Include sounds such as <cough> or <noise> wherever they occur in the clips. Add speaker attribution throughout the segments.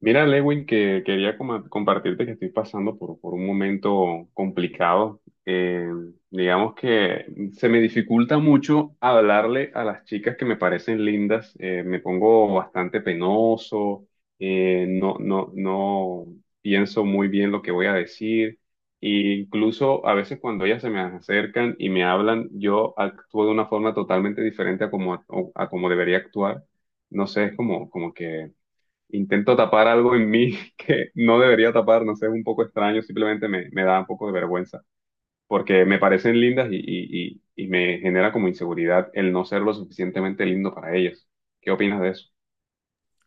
Speaker 1: Mira, Lewin, que quería compartirte que estoy pasando por un momento complicado. Digamos que se me dificulta mucho hablarle a las chicas que me parecen lindas. Me pongo bastante penoso, no pienso muy bien lo que voy a decir. E incluso a veces cuando ellas se me acercan y me hablan, yo actúo de una forma totalmente diferente a como debería actuar. No sé, es como, como que intento tapar algo en mí <laughs> que no debería tapar, no sé, es un poco extraño, simplemente me da un poco de vergüenza, porque me parecen lindas y me genera como inseguridad el no ser lo suficientemente lindo para ellas. ¿Qué opinas de eso?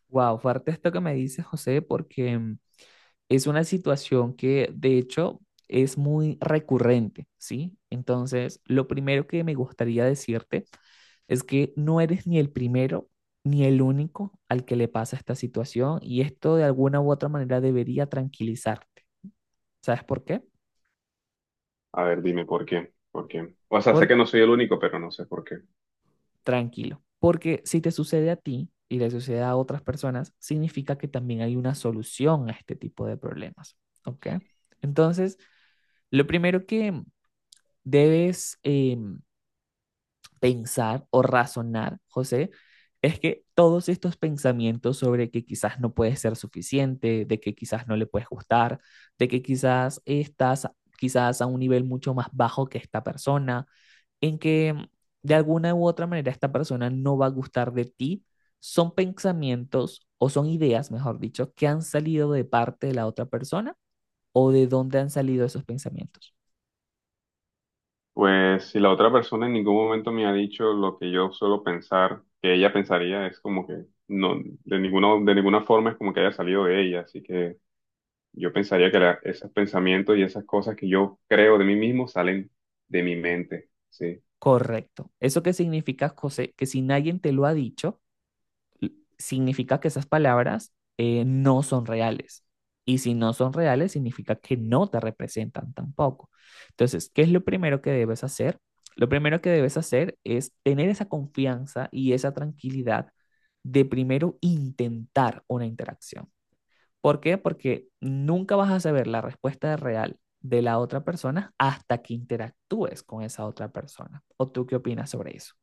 Speaker 2: Wow, fuerte esto que me dices, José, porque es una situación que de hecho es muy recurrente, ¿sí? Entonces, lo primero que me gustaría decirte es que no eres ni el primero ni el único al que le pasa esta situación y esto de alguna u otra manera debería tranquilizarte. ¿Sabes por qué?
Speaker 1: A ver, dime por qué, por qué. O sea, sé
Speaker 2: Por
Speaker 1: que no soy el único, pero no sé por qué.
Speaker 2: tranquilo, porque si te sucede a ti y le sucede a otras personas, significa que también hay una solución a este tipo de problemas, ¿ok? Entonces, lo primero que debes pensar o razonar, José, es que todos estos pensamientos sobre que quizás no puedes ser suficiente, de que quizás no le puedes gustar, de que quizás estás quizás a un nivel mucho más bajo que esta persona, en que de alguna u otra manera esta persona no va a gustar de ti, son pensamientos o son ideas, mejor dicho, que han salido de parte de la otra persona o de dónde han salido esos pensamientos.
Speaker 1: Pues si la otra persona en ningún momento me ha dicho lo que yo suelo pensar, que ella pensaría, es como que no, de ninguna forma es como que haya salido de ella, así que yo pensaría que esos pensamientos y esas cosas que yo creo de mí mismo salen de mi mente, sí.
Speaker 2: Correcto. ¿Eso qué significa, José? Que si nadie te lo ha dicho, significa que esas palabras no son reales. Y si no son reales, significa que no te representan tampoco. Entonces, ¿qué es lo primero que debes hacer? Lo primero que debes hacer es tener esa confianza y esa tranquilidad de primero intentar una interacción. ¿Por qué? Porque nunca vas a saber la respuesta real de la otra persona hasta que interactúes con esa otra persona. ¿O tú qué opinas sobre eso?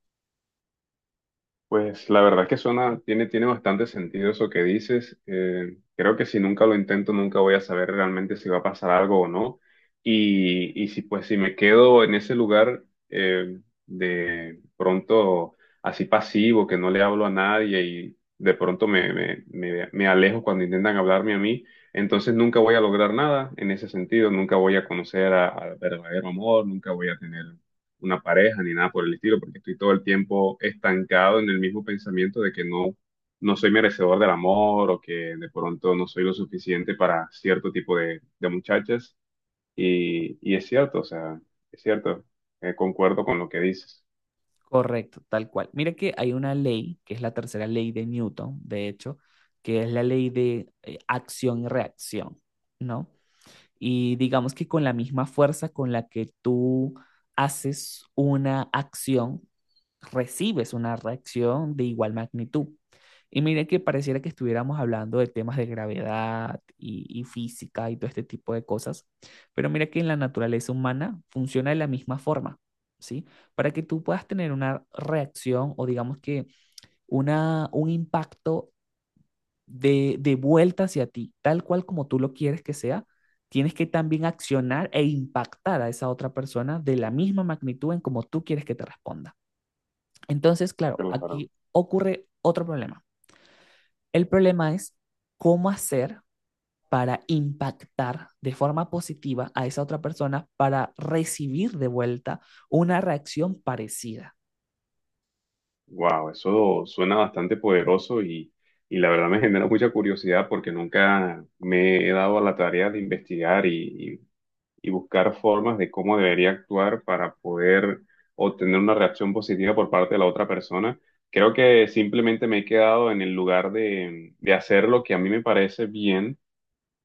Speaker 1: Pues la verdad es que tiene bastante sentido eso que dices. Creo que si nunca lo intento, nunca voy a saber realmente si va a pasar algo o no. Y si pues si me quedo en ese lugar de pronto así pasivo, que no le hablo a nadie y de pronto me alejo cuando intentan hablarme a mí, entonces nunca voy a lograr nada en ese sentido. Nunca voy a conocer al verdadero amor, nunca voy a tener una pareja ni nada por el estilo, porque estoy todo el tiempo estancado en el mismo pensamiento de que no, no soy merecedor del amor o que de pronto no soy lo suficiente para cierto tipo de muchachas. Y es cierto, o sea, es cierto, concuerdo con lo que dices.
Speaker 2: Correcto, tal cual. Mira que hay una ley, que es la tercera ley de Newton, de hecho, que es la ley de acción y reacción, ¿no? Y digamos que con la misma fuerza con la que tú haces una acción, recibes una reacción de igual magnitud. Y mire que pareciera que estuviéramos hablando de temas de gravedad y física y todo este tipo de cosas, pero mira que en la naturaleza humana funciona de la misma forma, ¿sí? Para que tú puedas tener una reacción o digamos que una, un impacto de vuelta hacia ti, tal cual como tú lo quieres que sea, tienes que también accionar e impactar a esa otra persona de la misma magnitud en como tú quieres que te responda. Entonces, claro, aquí ocurre otro problema. El problema es cómo hacer para impactar de forma positiva a esa otra persona para recibir de vuelta una reacción parecida.
Speaker 1: Wow, eso suena bastante poderoso y la verdad me genera mucha curiosidad porque nunca me he dado a la tarea de investigar y buscar formas de cómo debería actuar para poder obtener una reacción positiva por parte de la otra persona. Creo que simplemente me he quedado en el lugar de hacer lo que a mí me parece bien,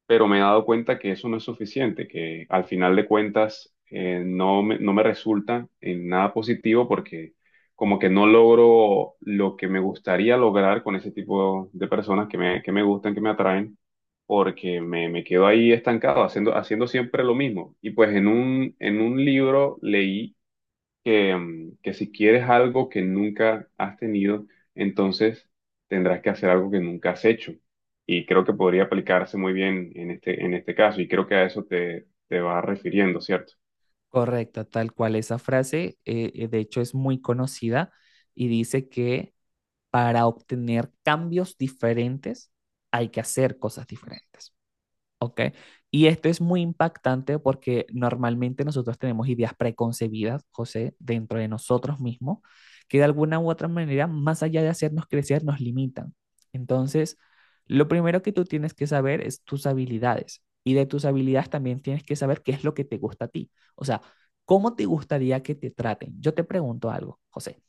Speaker 1: pero me he dado cuenta que eso no es suficiente, que al final de cuentas no me resulta en nada positivo porque como que no logro lo que me gustaría lograr con ese tipo de personas que me gustan, que me atraen, porque me quedo ahí estancado haciendo siempre lo mismo. Y pues en un libro leí que, que si quieres algo que nunca has tenido, entonces tendrás que hacer algo que nunca has hecho. Y creo que podría aplicarse muy bien en este caso, y creo que a eso te vas refiriendo, ¿cierto?
Speaker 2: Correcto, tal cual esa frase, de hecho, es muy conocida y dice que para obtener cambios diferentes hay que hacer cosas diferentes. ¿Ok? Y esto es muy impactante porque normalmente nosotros tenemos ideas preconcebidas, José, dentro de nosotros mismos, que de alguna u otra manera, más allá de hacernos crecer, nos limitan. Entonces, lo primero que tú tienes que saber es tus habilidades y de tus habilidades también tienes que saber qué es lo que te gusta a ti. O sea, ¿cómo te gustaría que te traten? Yo te pregunto algo, José.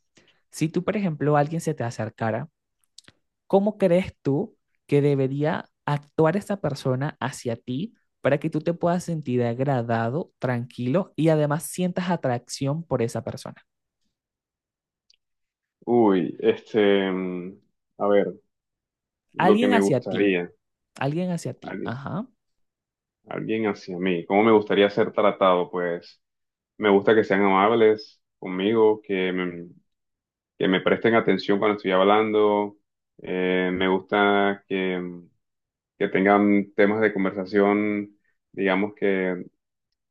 Speaker 2: Si tú, por ejemplo, alguien se te acercara, ¿cómo crees tú que debería actuar esa persona hacia ti para que tú te puedas sentir agradado, tranquilo y además sientas atracción por esa persona?
Speaker 1: Uy, a ver, lo que
Speaker 2: Alguien
Speaker 1: me
Speaker 2: hacia ti,
Speaker 1: gustaría,
Speaker 2: alguien hacia ti.
Speaker 1: alguien,
Speaker 2: Ajá,
Speaker 1: alguien hacia mí, ¿cómo me gustaría ser tratado? Pues me gusta que sean amables conmigo, que me presten atención cuando estoy hablando, me gusta que, que tengan temas de conversación, digamos que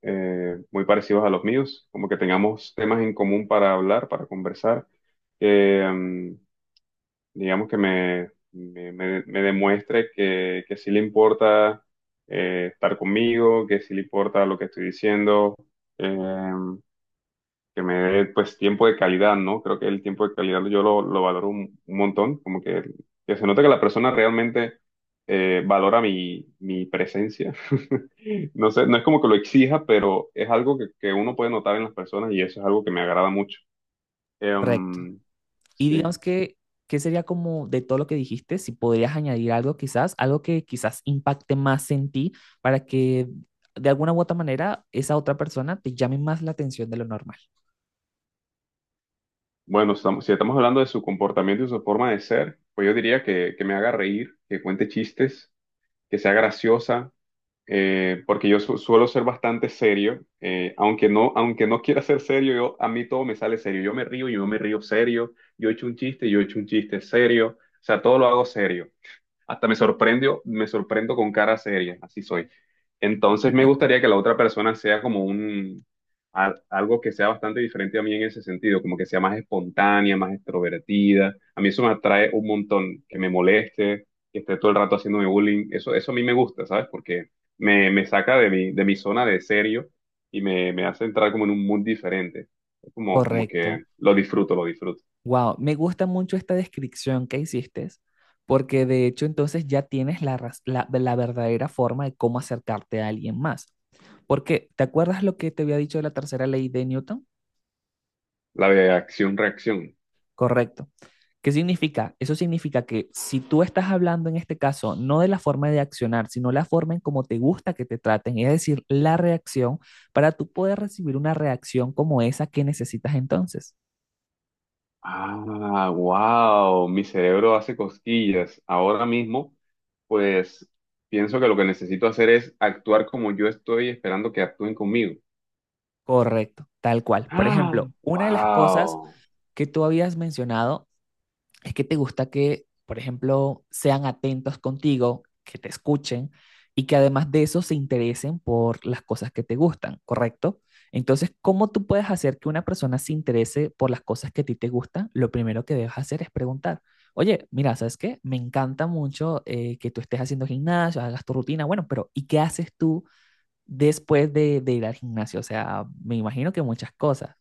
Speaker 1: muy parecidos a los míos, como que tengamos temas en común para hablar, para conversar, que digamos que me demuestre que sí le importa estar conmigo, que sí le importa lo que estoy diciendo. eh, que me dé pues tiempo de calidad, ¿no? Creo que el tiempo de calidad yo lo valoro un montón, como que se nota que la persona realmente valora mi presencia. <laughs> No sé, no es como que lo exija, pero es algo que uno puede notar en las personas y eso es algo que me agrada mucho.
Speaker 2: correcto.
Speaker 1: Em,
Speaker 2: Y
Speaker 1: sí,
Speaker 2: digamos que, ¿qué sería como de todo lo que dijiste? Si podrías añadir algo quizás, algo que quizás impacte más en ti para que de alguna u otra manera esa otra persona te llame más la atención de lo normal.
Speaker 1: bueno, si estamos hablando de su comportamiento y su forma de ser, pues yo diría que me haga reír, que cuente chistes, que sea graciosa, porque yo suelo ser bastante serio, aunque no quiera ser serio, yo, a mí todo me sale serio, yo me río serio, yo echo un chiste, yo echo un chiste serio, o sea, todo lo hago serio. Hasta me sorprendo con cara seria, así soy. Entonces me gustaría que la otra persona sea como un, algo que sea bastante diferente a mí en ese sentido, como que sea más espontánea, más extrovertida. A mí eso me atrae un montón, que me moleste, que esté todo el rato haciéndome bullying. Eso a mí me gusta, ¿sabes? Porque me saca de de mi zona de serio y me hace entrar como en un mood diferente. Es como, como que
Speaker 2: Correcto.
Speaker 1: lo disfruto, lo disfruto.
Speaker 2: Wow, me gusta mucho esta descripción que hiciste, porque de hecho entonces ya tienes la verdadera forma de cómo acercarte a alguien más. Porque, ¿te acuerdas lo que te había dicho de la tercera ley de Newton?
Speaker 1: La de acción-reacción.
Speaker 2: Correcto. ¿Qué significa? Eso significa que si tú estás hablando en este caso no de la forma de accionar, sino la forma en cómo te gusta que te traten, es decir, la reacción, para tú poder recibir una reacción como esa que necesitas entonces.
Speaker 1: Ah, wow, mi cerebro hace cosquillas. Ahora mismo, pues pienso que lo que necesito hacer es actuar como yo estoy esperando que actúen conmigo.
Speaker 2: Correcto, tal cual. Por
Speaker 1: Ah,
Speaker 2: ejemplo, una de las cosas
Speaker 1: wow.
Speaker 2: que tú habías mencionado es que te gusta que, por ejemplo, sean atentos contigo, que te escuchen y que además de eso se interesen por las cosas que te gustan, ¿correcto? Entonces, ¿cómo tú puedes hacer que una persona se interese por las cosas que a ti te gustan? Lo primero que debes hacer es preguntar, oye, mira, ¿sabes qué? Me encanta mucho que tú estés haciendo gimnasio, hagas tu rutina, bueno, pero ¿y qué haces tú después de ir al gimnasio? O sea, me imagino que muchas cosas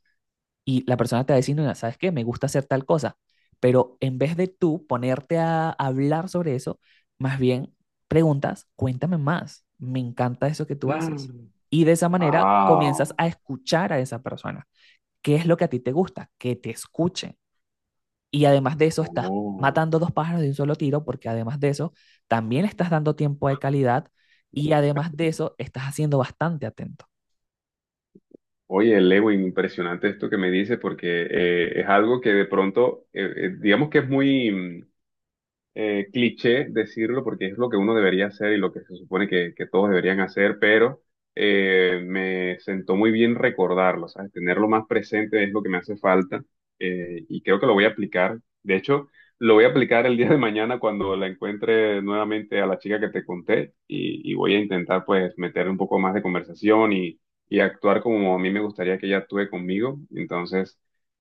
Speaker 2: y la persona te va a decir, "Mira, ¿sabes qué? Me gusta hacer tal cosa". Pero en vez de tú ponerte a hablar sobre eso, más bien preguntas, cuéntame más, me encanta eso que tú haces. Y de esa manera comienzas
Speaker 1: Wow.
Speaker 2: a escuchar a esa persona. ¿Qué es lo que a ti te gusta? Que te escuchen. Y además de eso estás
Speaker 1: Oh.
Speaker 2: matando dos pájaros de un solo tiro porque además de eso también estás dando tiempo de calidad y además de eso estás haciendo bastante atento.
Speaker 1: Oye, Lewin, impresionante esto que me dice porque es algo que de pronto, digamos que es muy... cliché decirlo porque es lo que uno debería hacer y lo que se supone que todos deberían hacer, pero me sentó muy bien recordarlo, ¿sabes? Tenerlo más presente es lo que me hace falta, y creo que lo voy a aplicar. De hecho, lo voy a aplicar el día de mañana cuando la encuentre nuevamente a la chica que te conté y voy a intentar pues meter un poco más de conversación y actuar como a mí me gustaría que ella actúe conmigo. Entonces...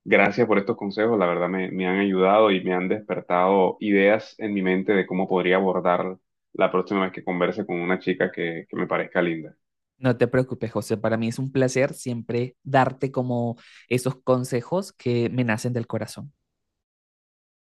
Speaker 1: Gracias por estos consejos, la verdad me han ayudado y me han despertado ideas en mi mente de cómo podría abordar la próxima vez que converse con una chica que me parezca linda.
Speaker 2: No te preocupes, José. Para mí es un placer siempre darte como esos consejos que me nacen del corazón.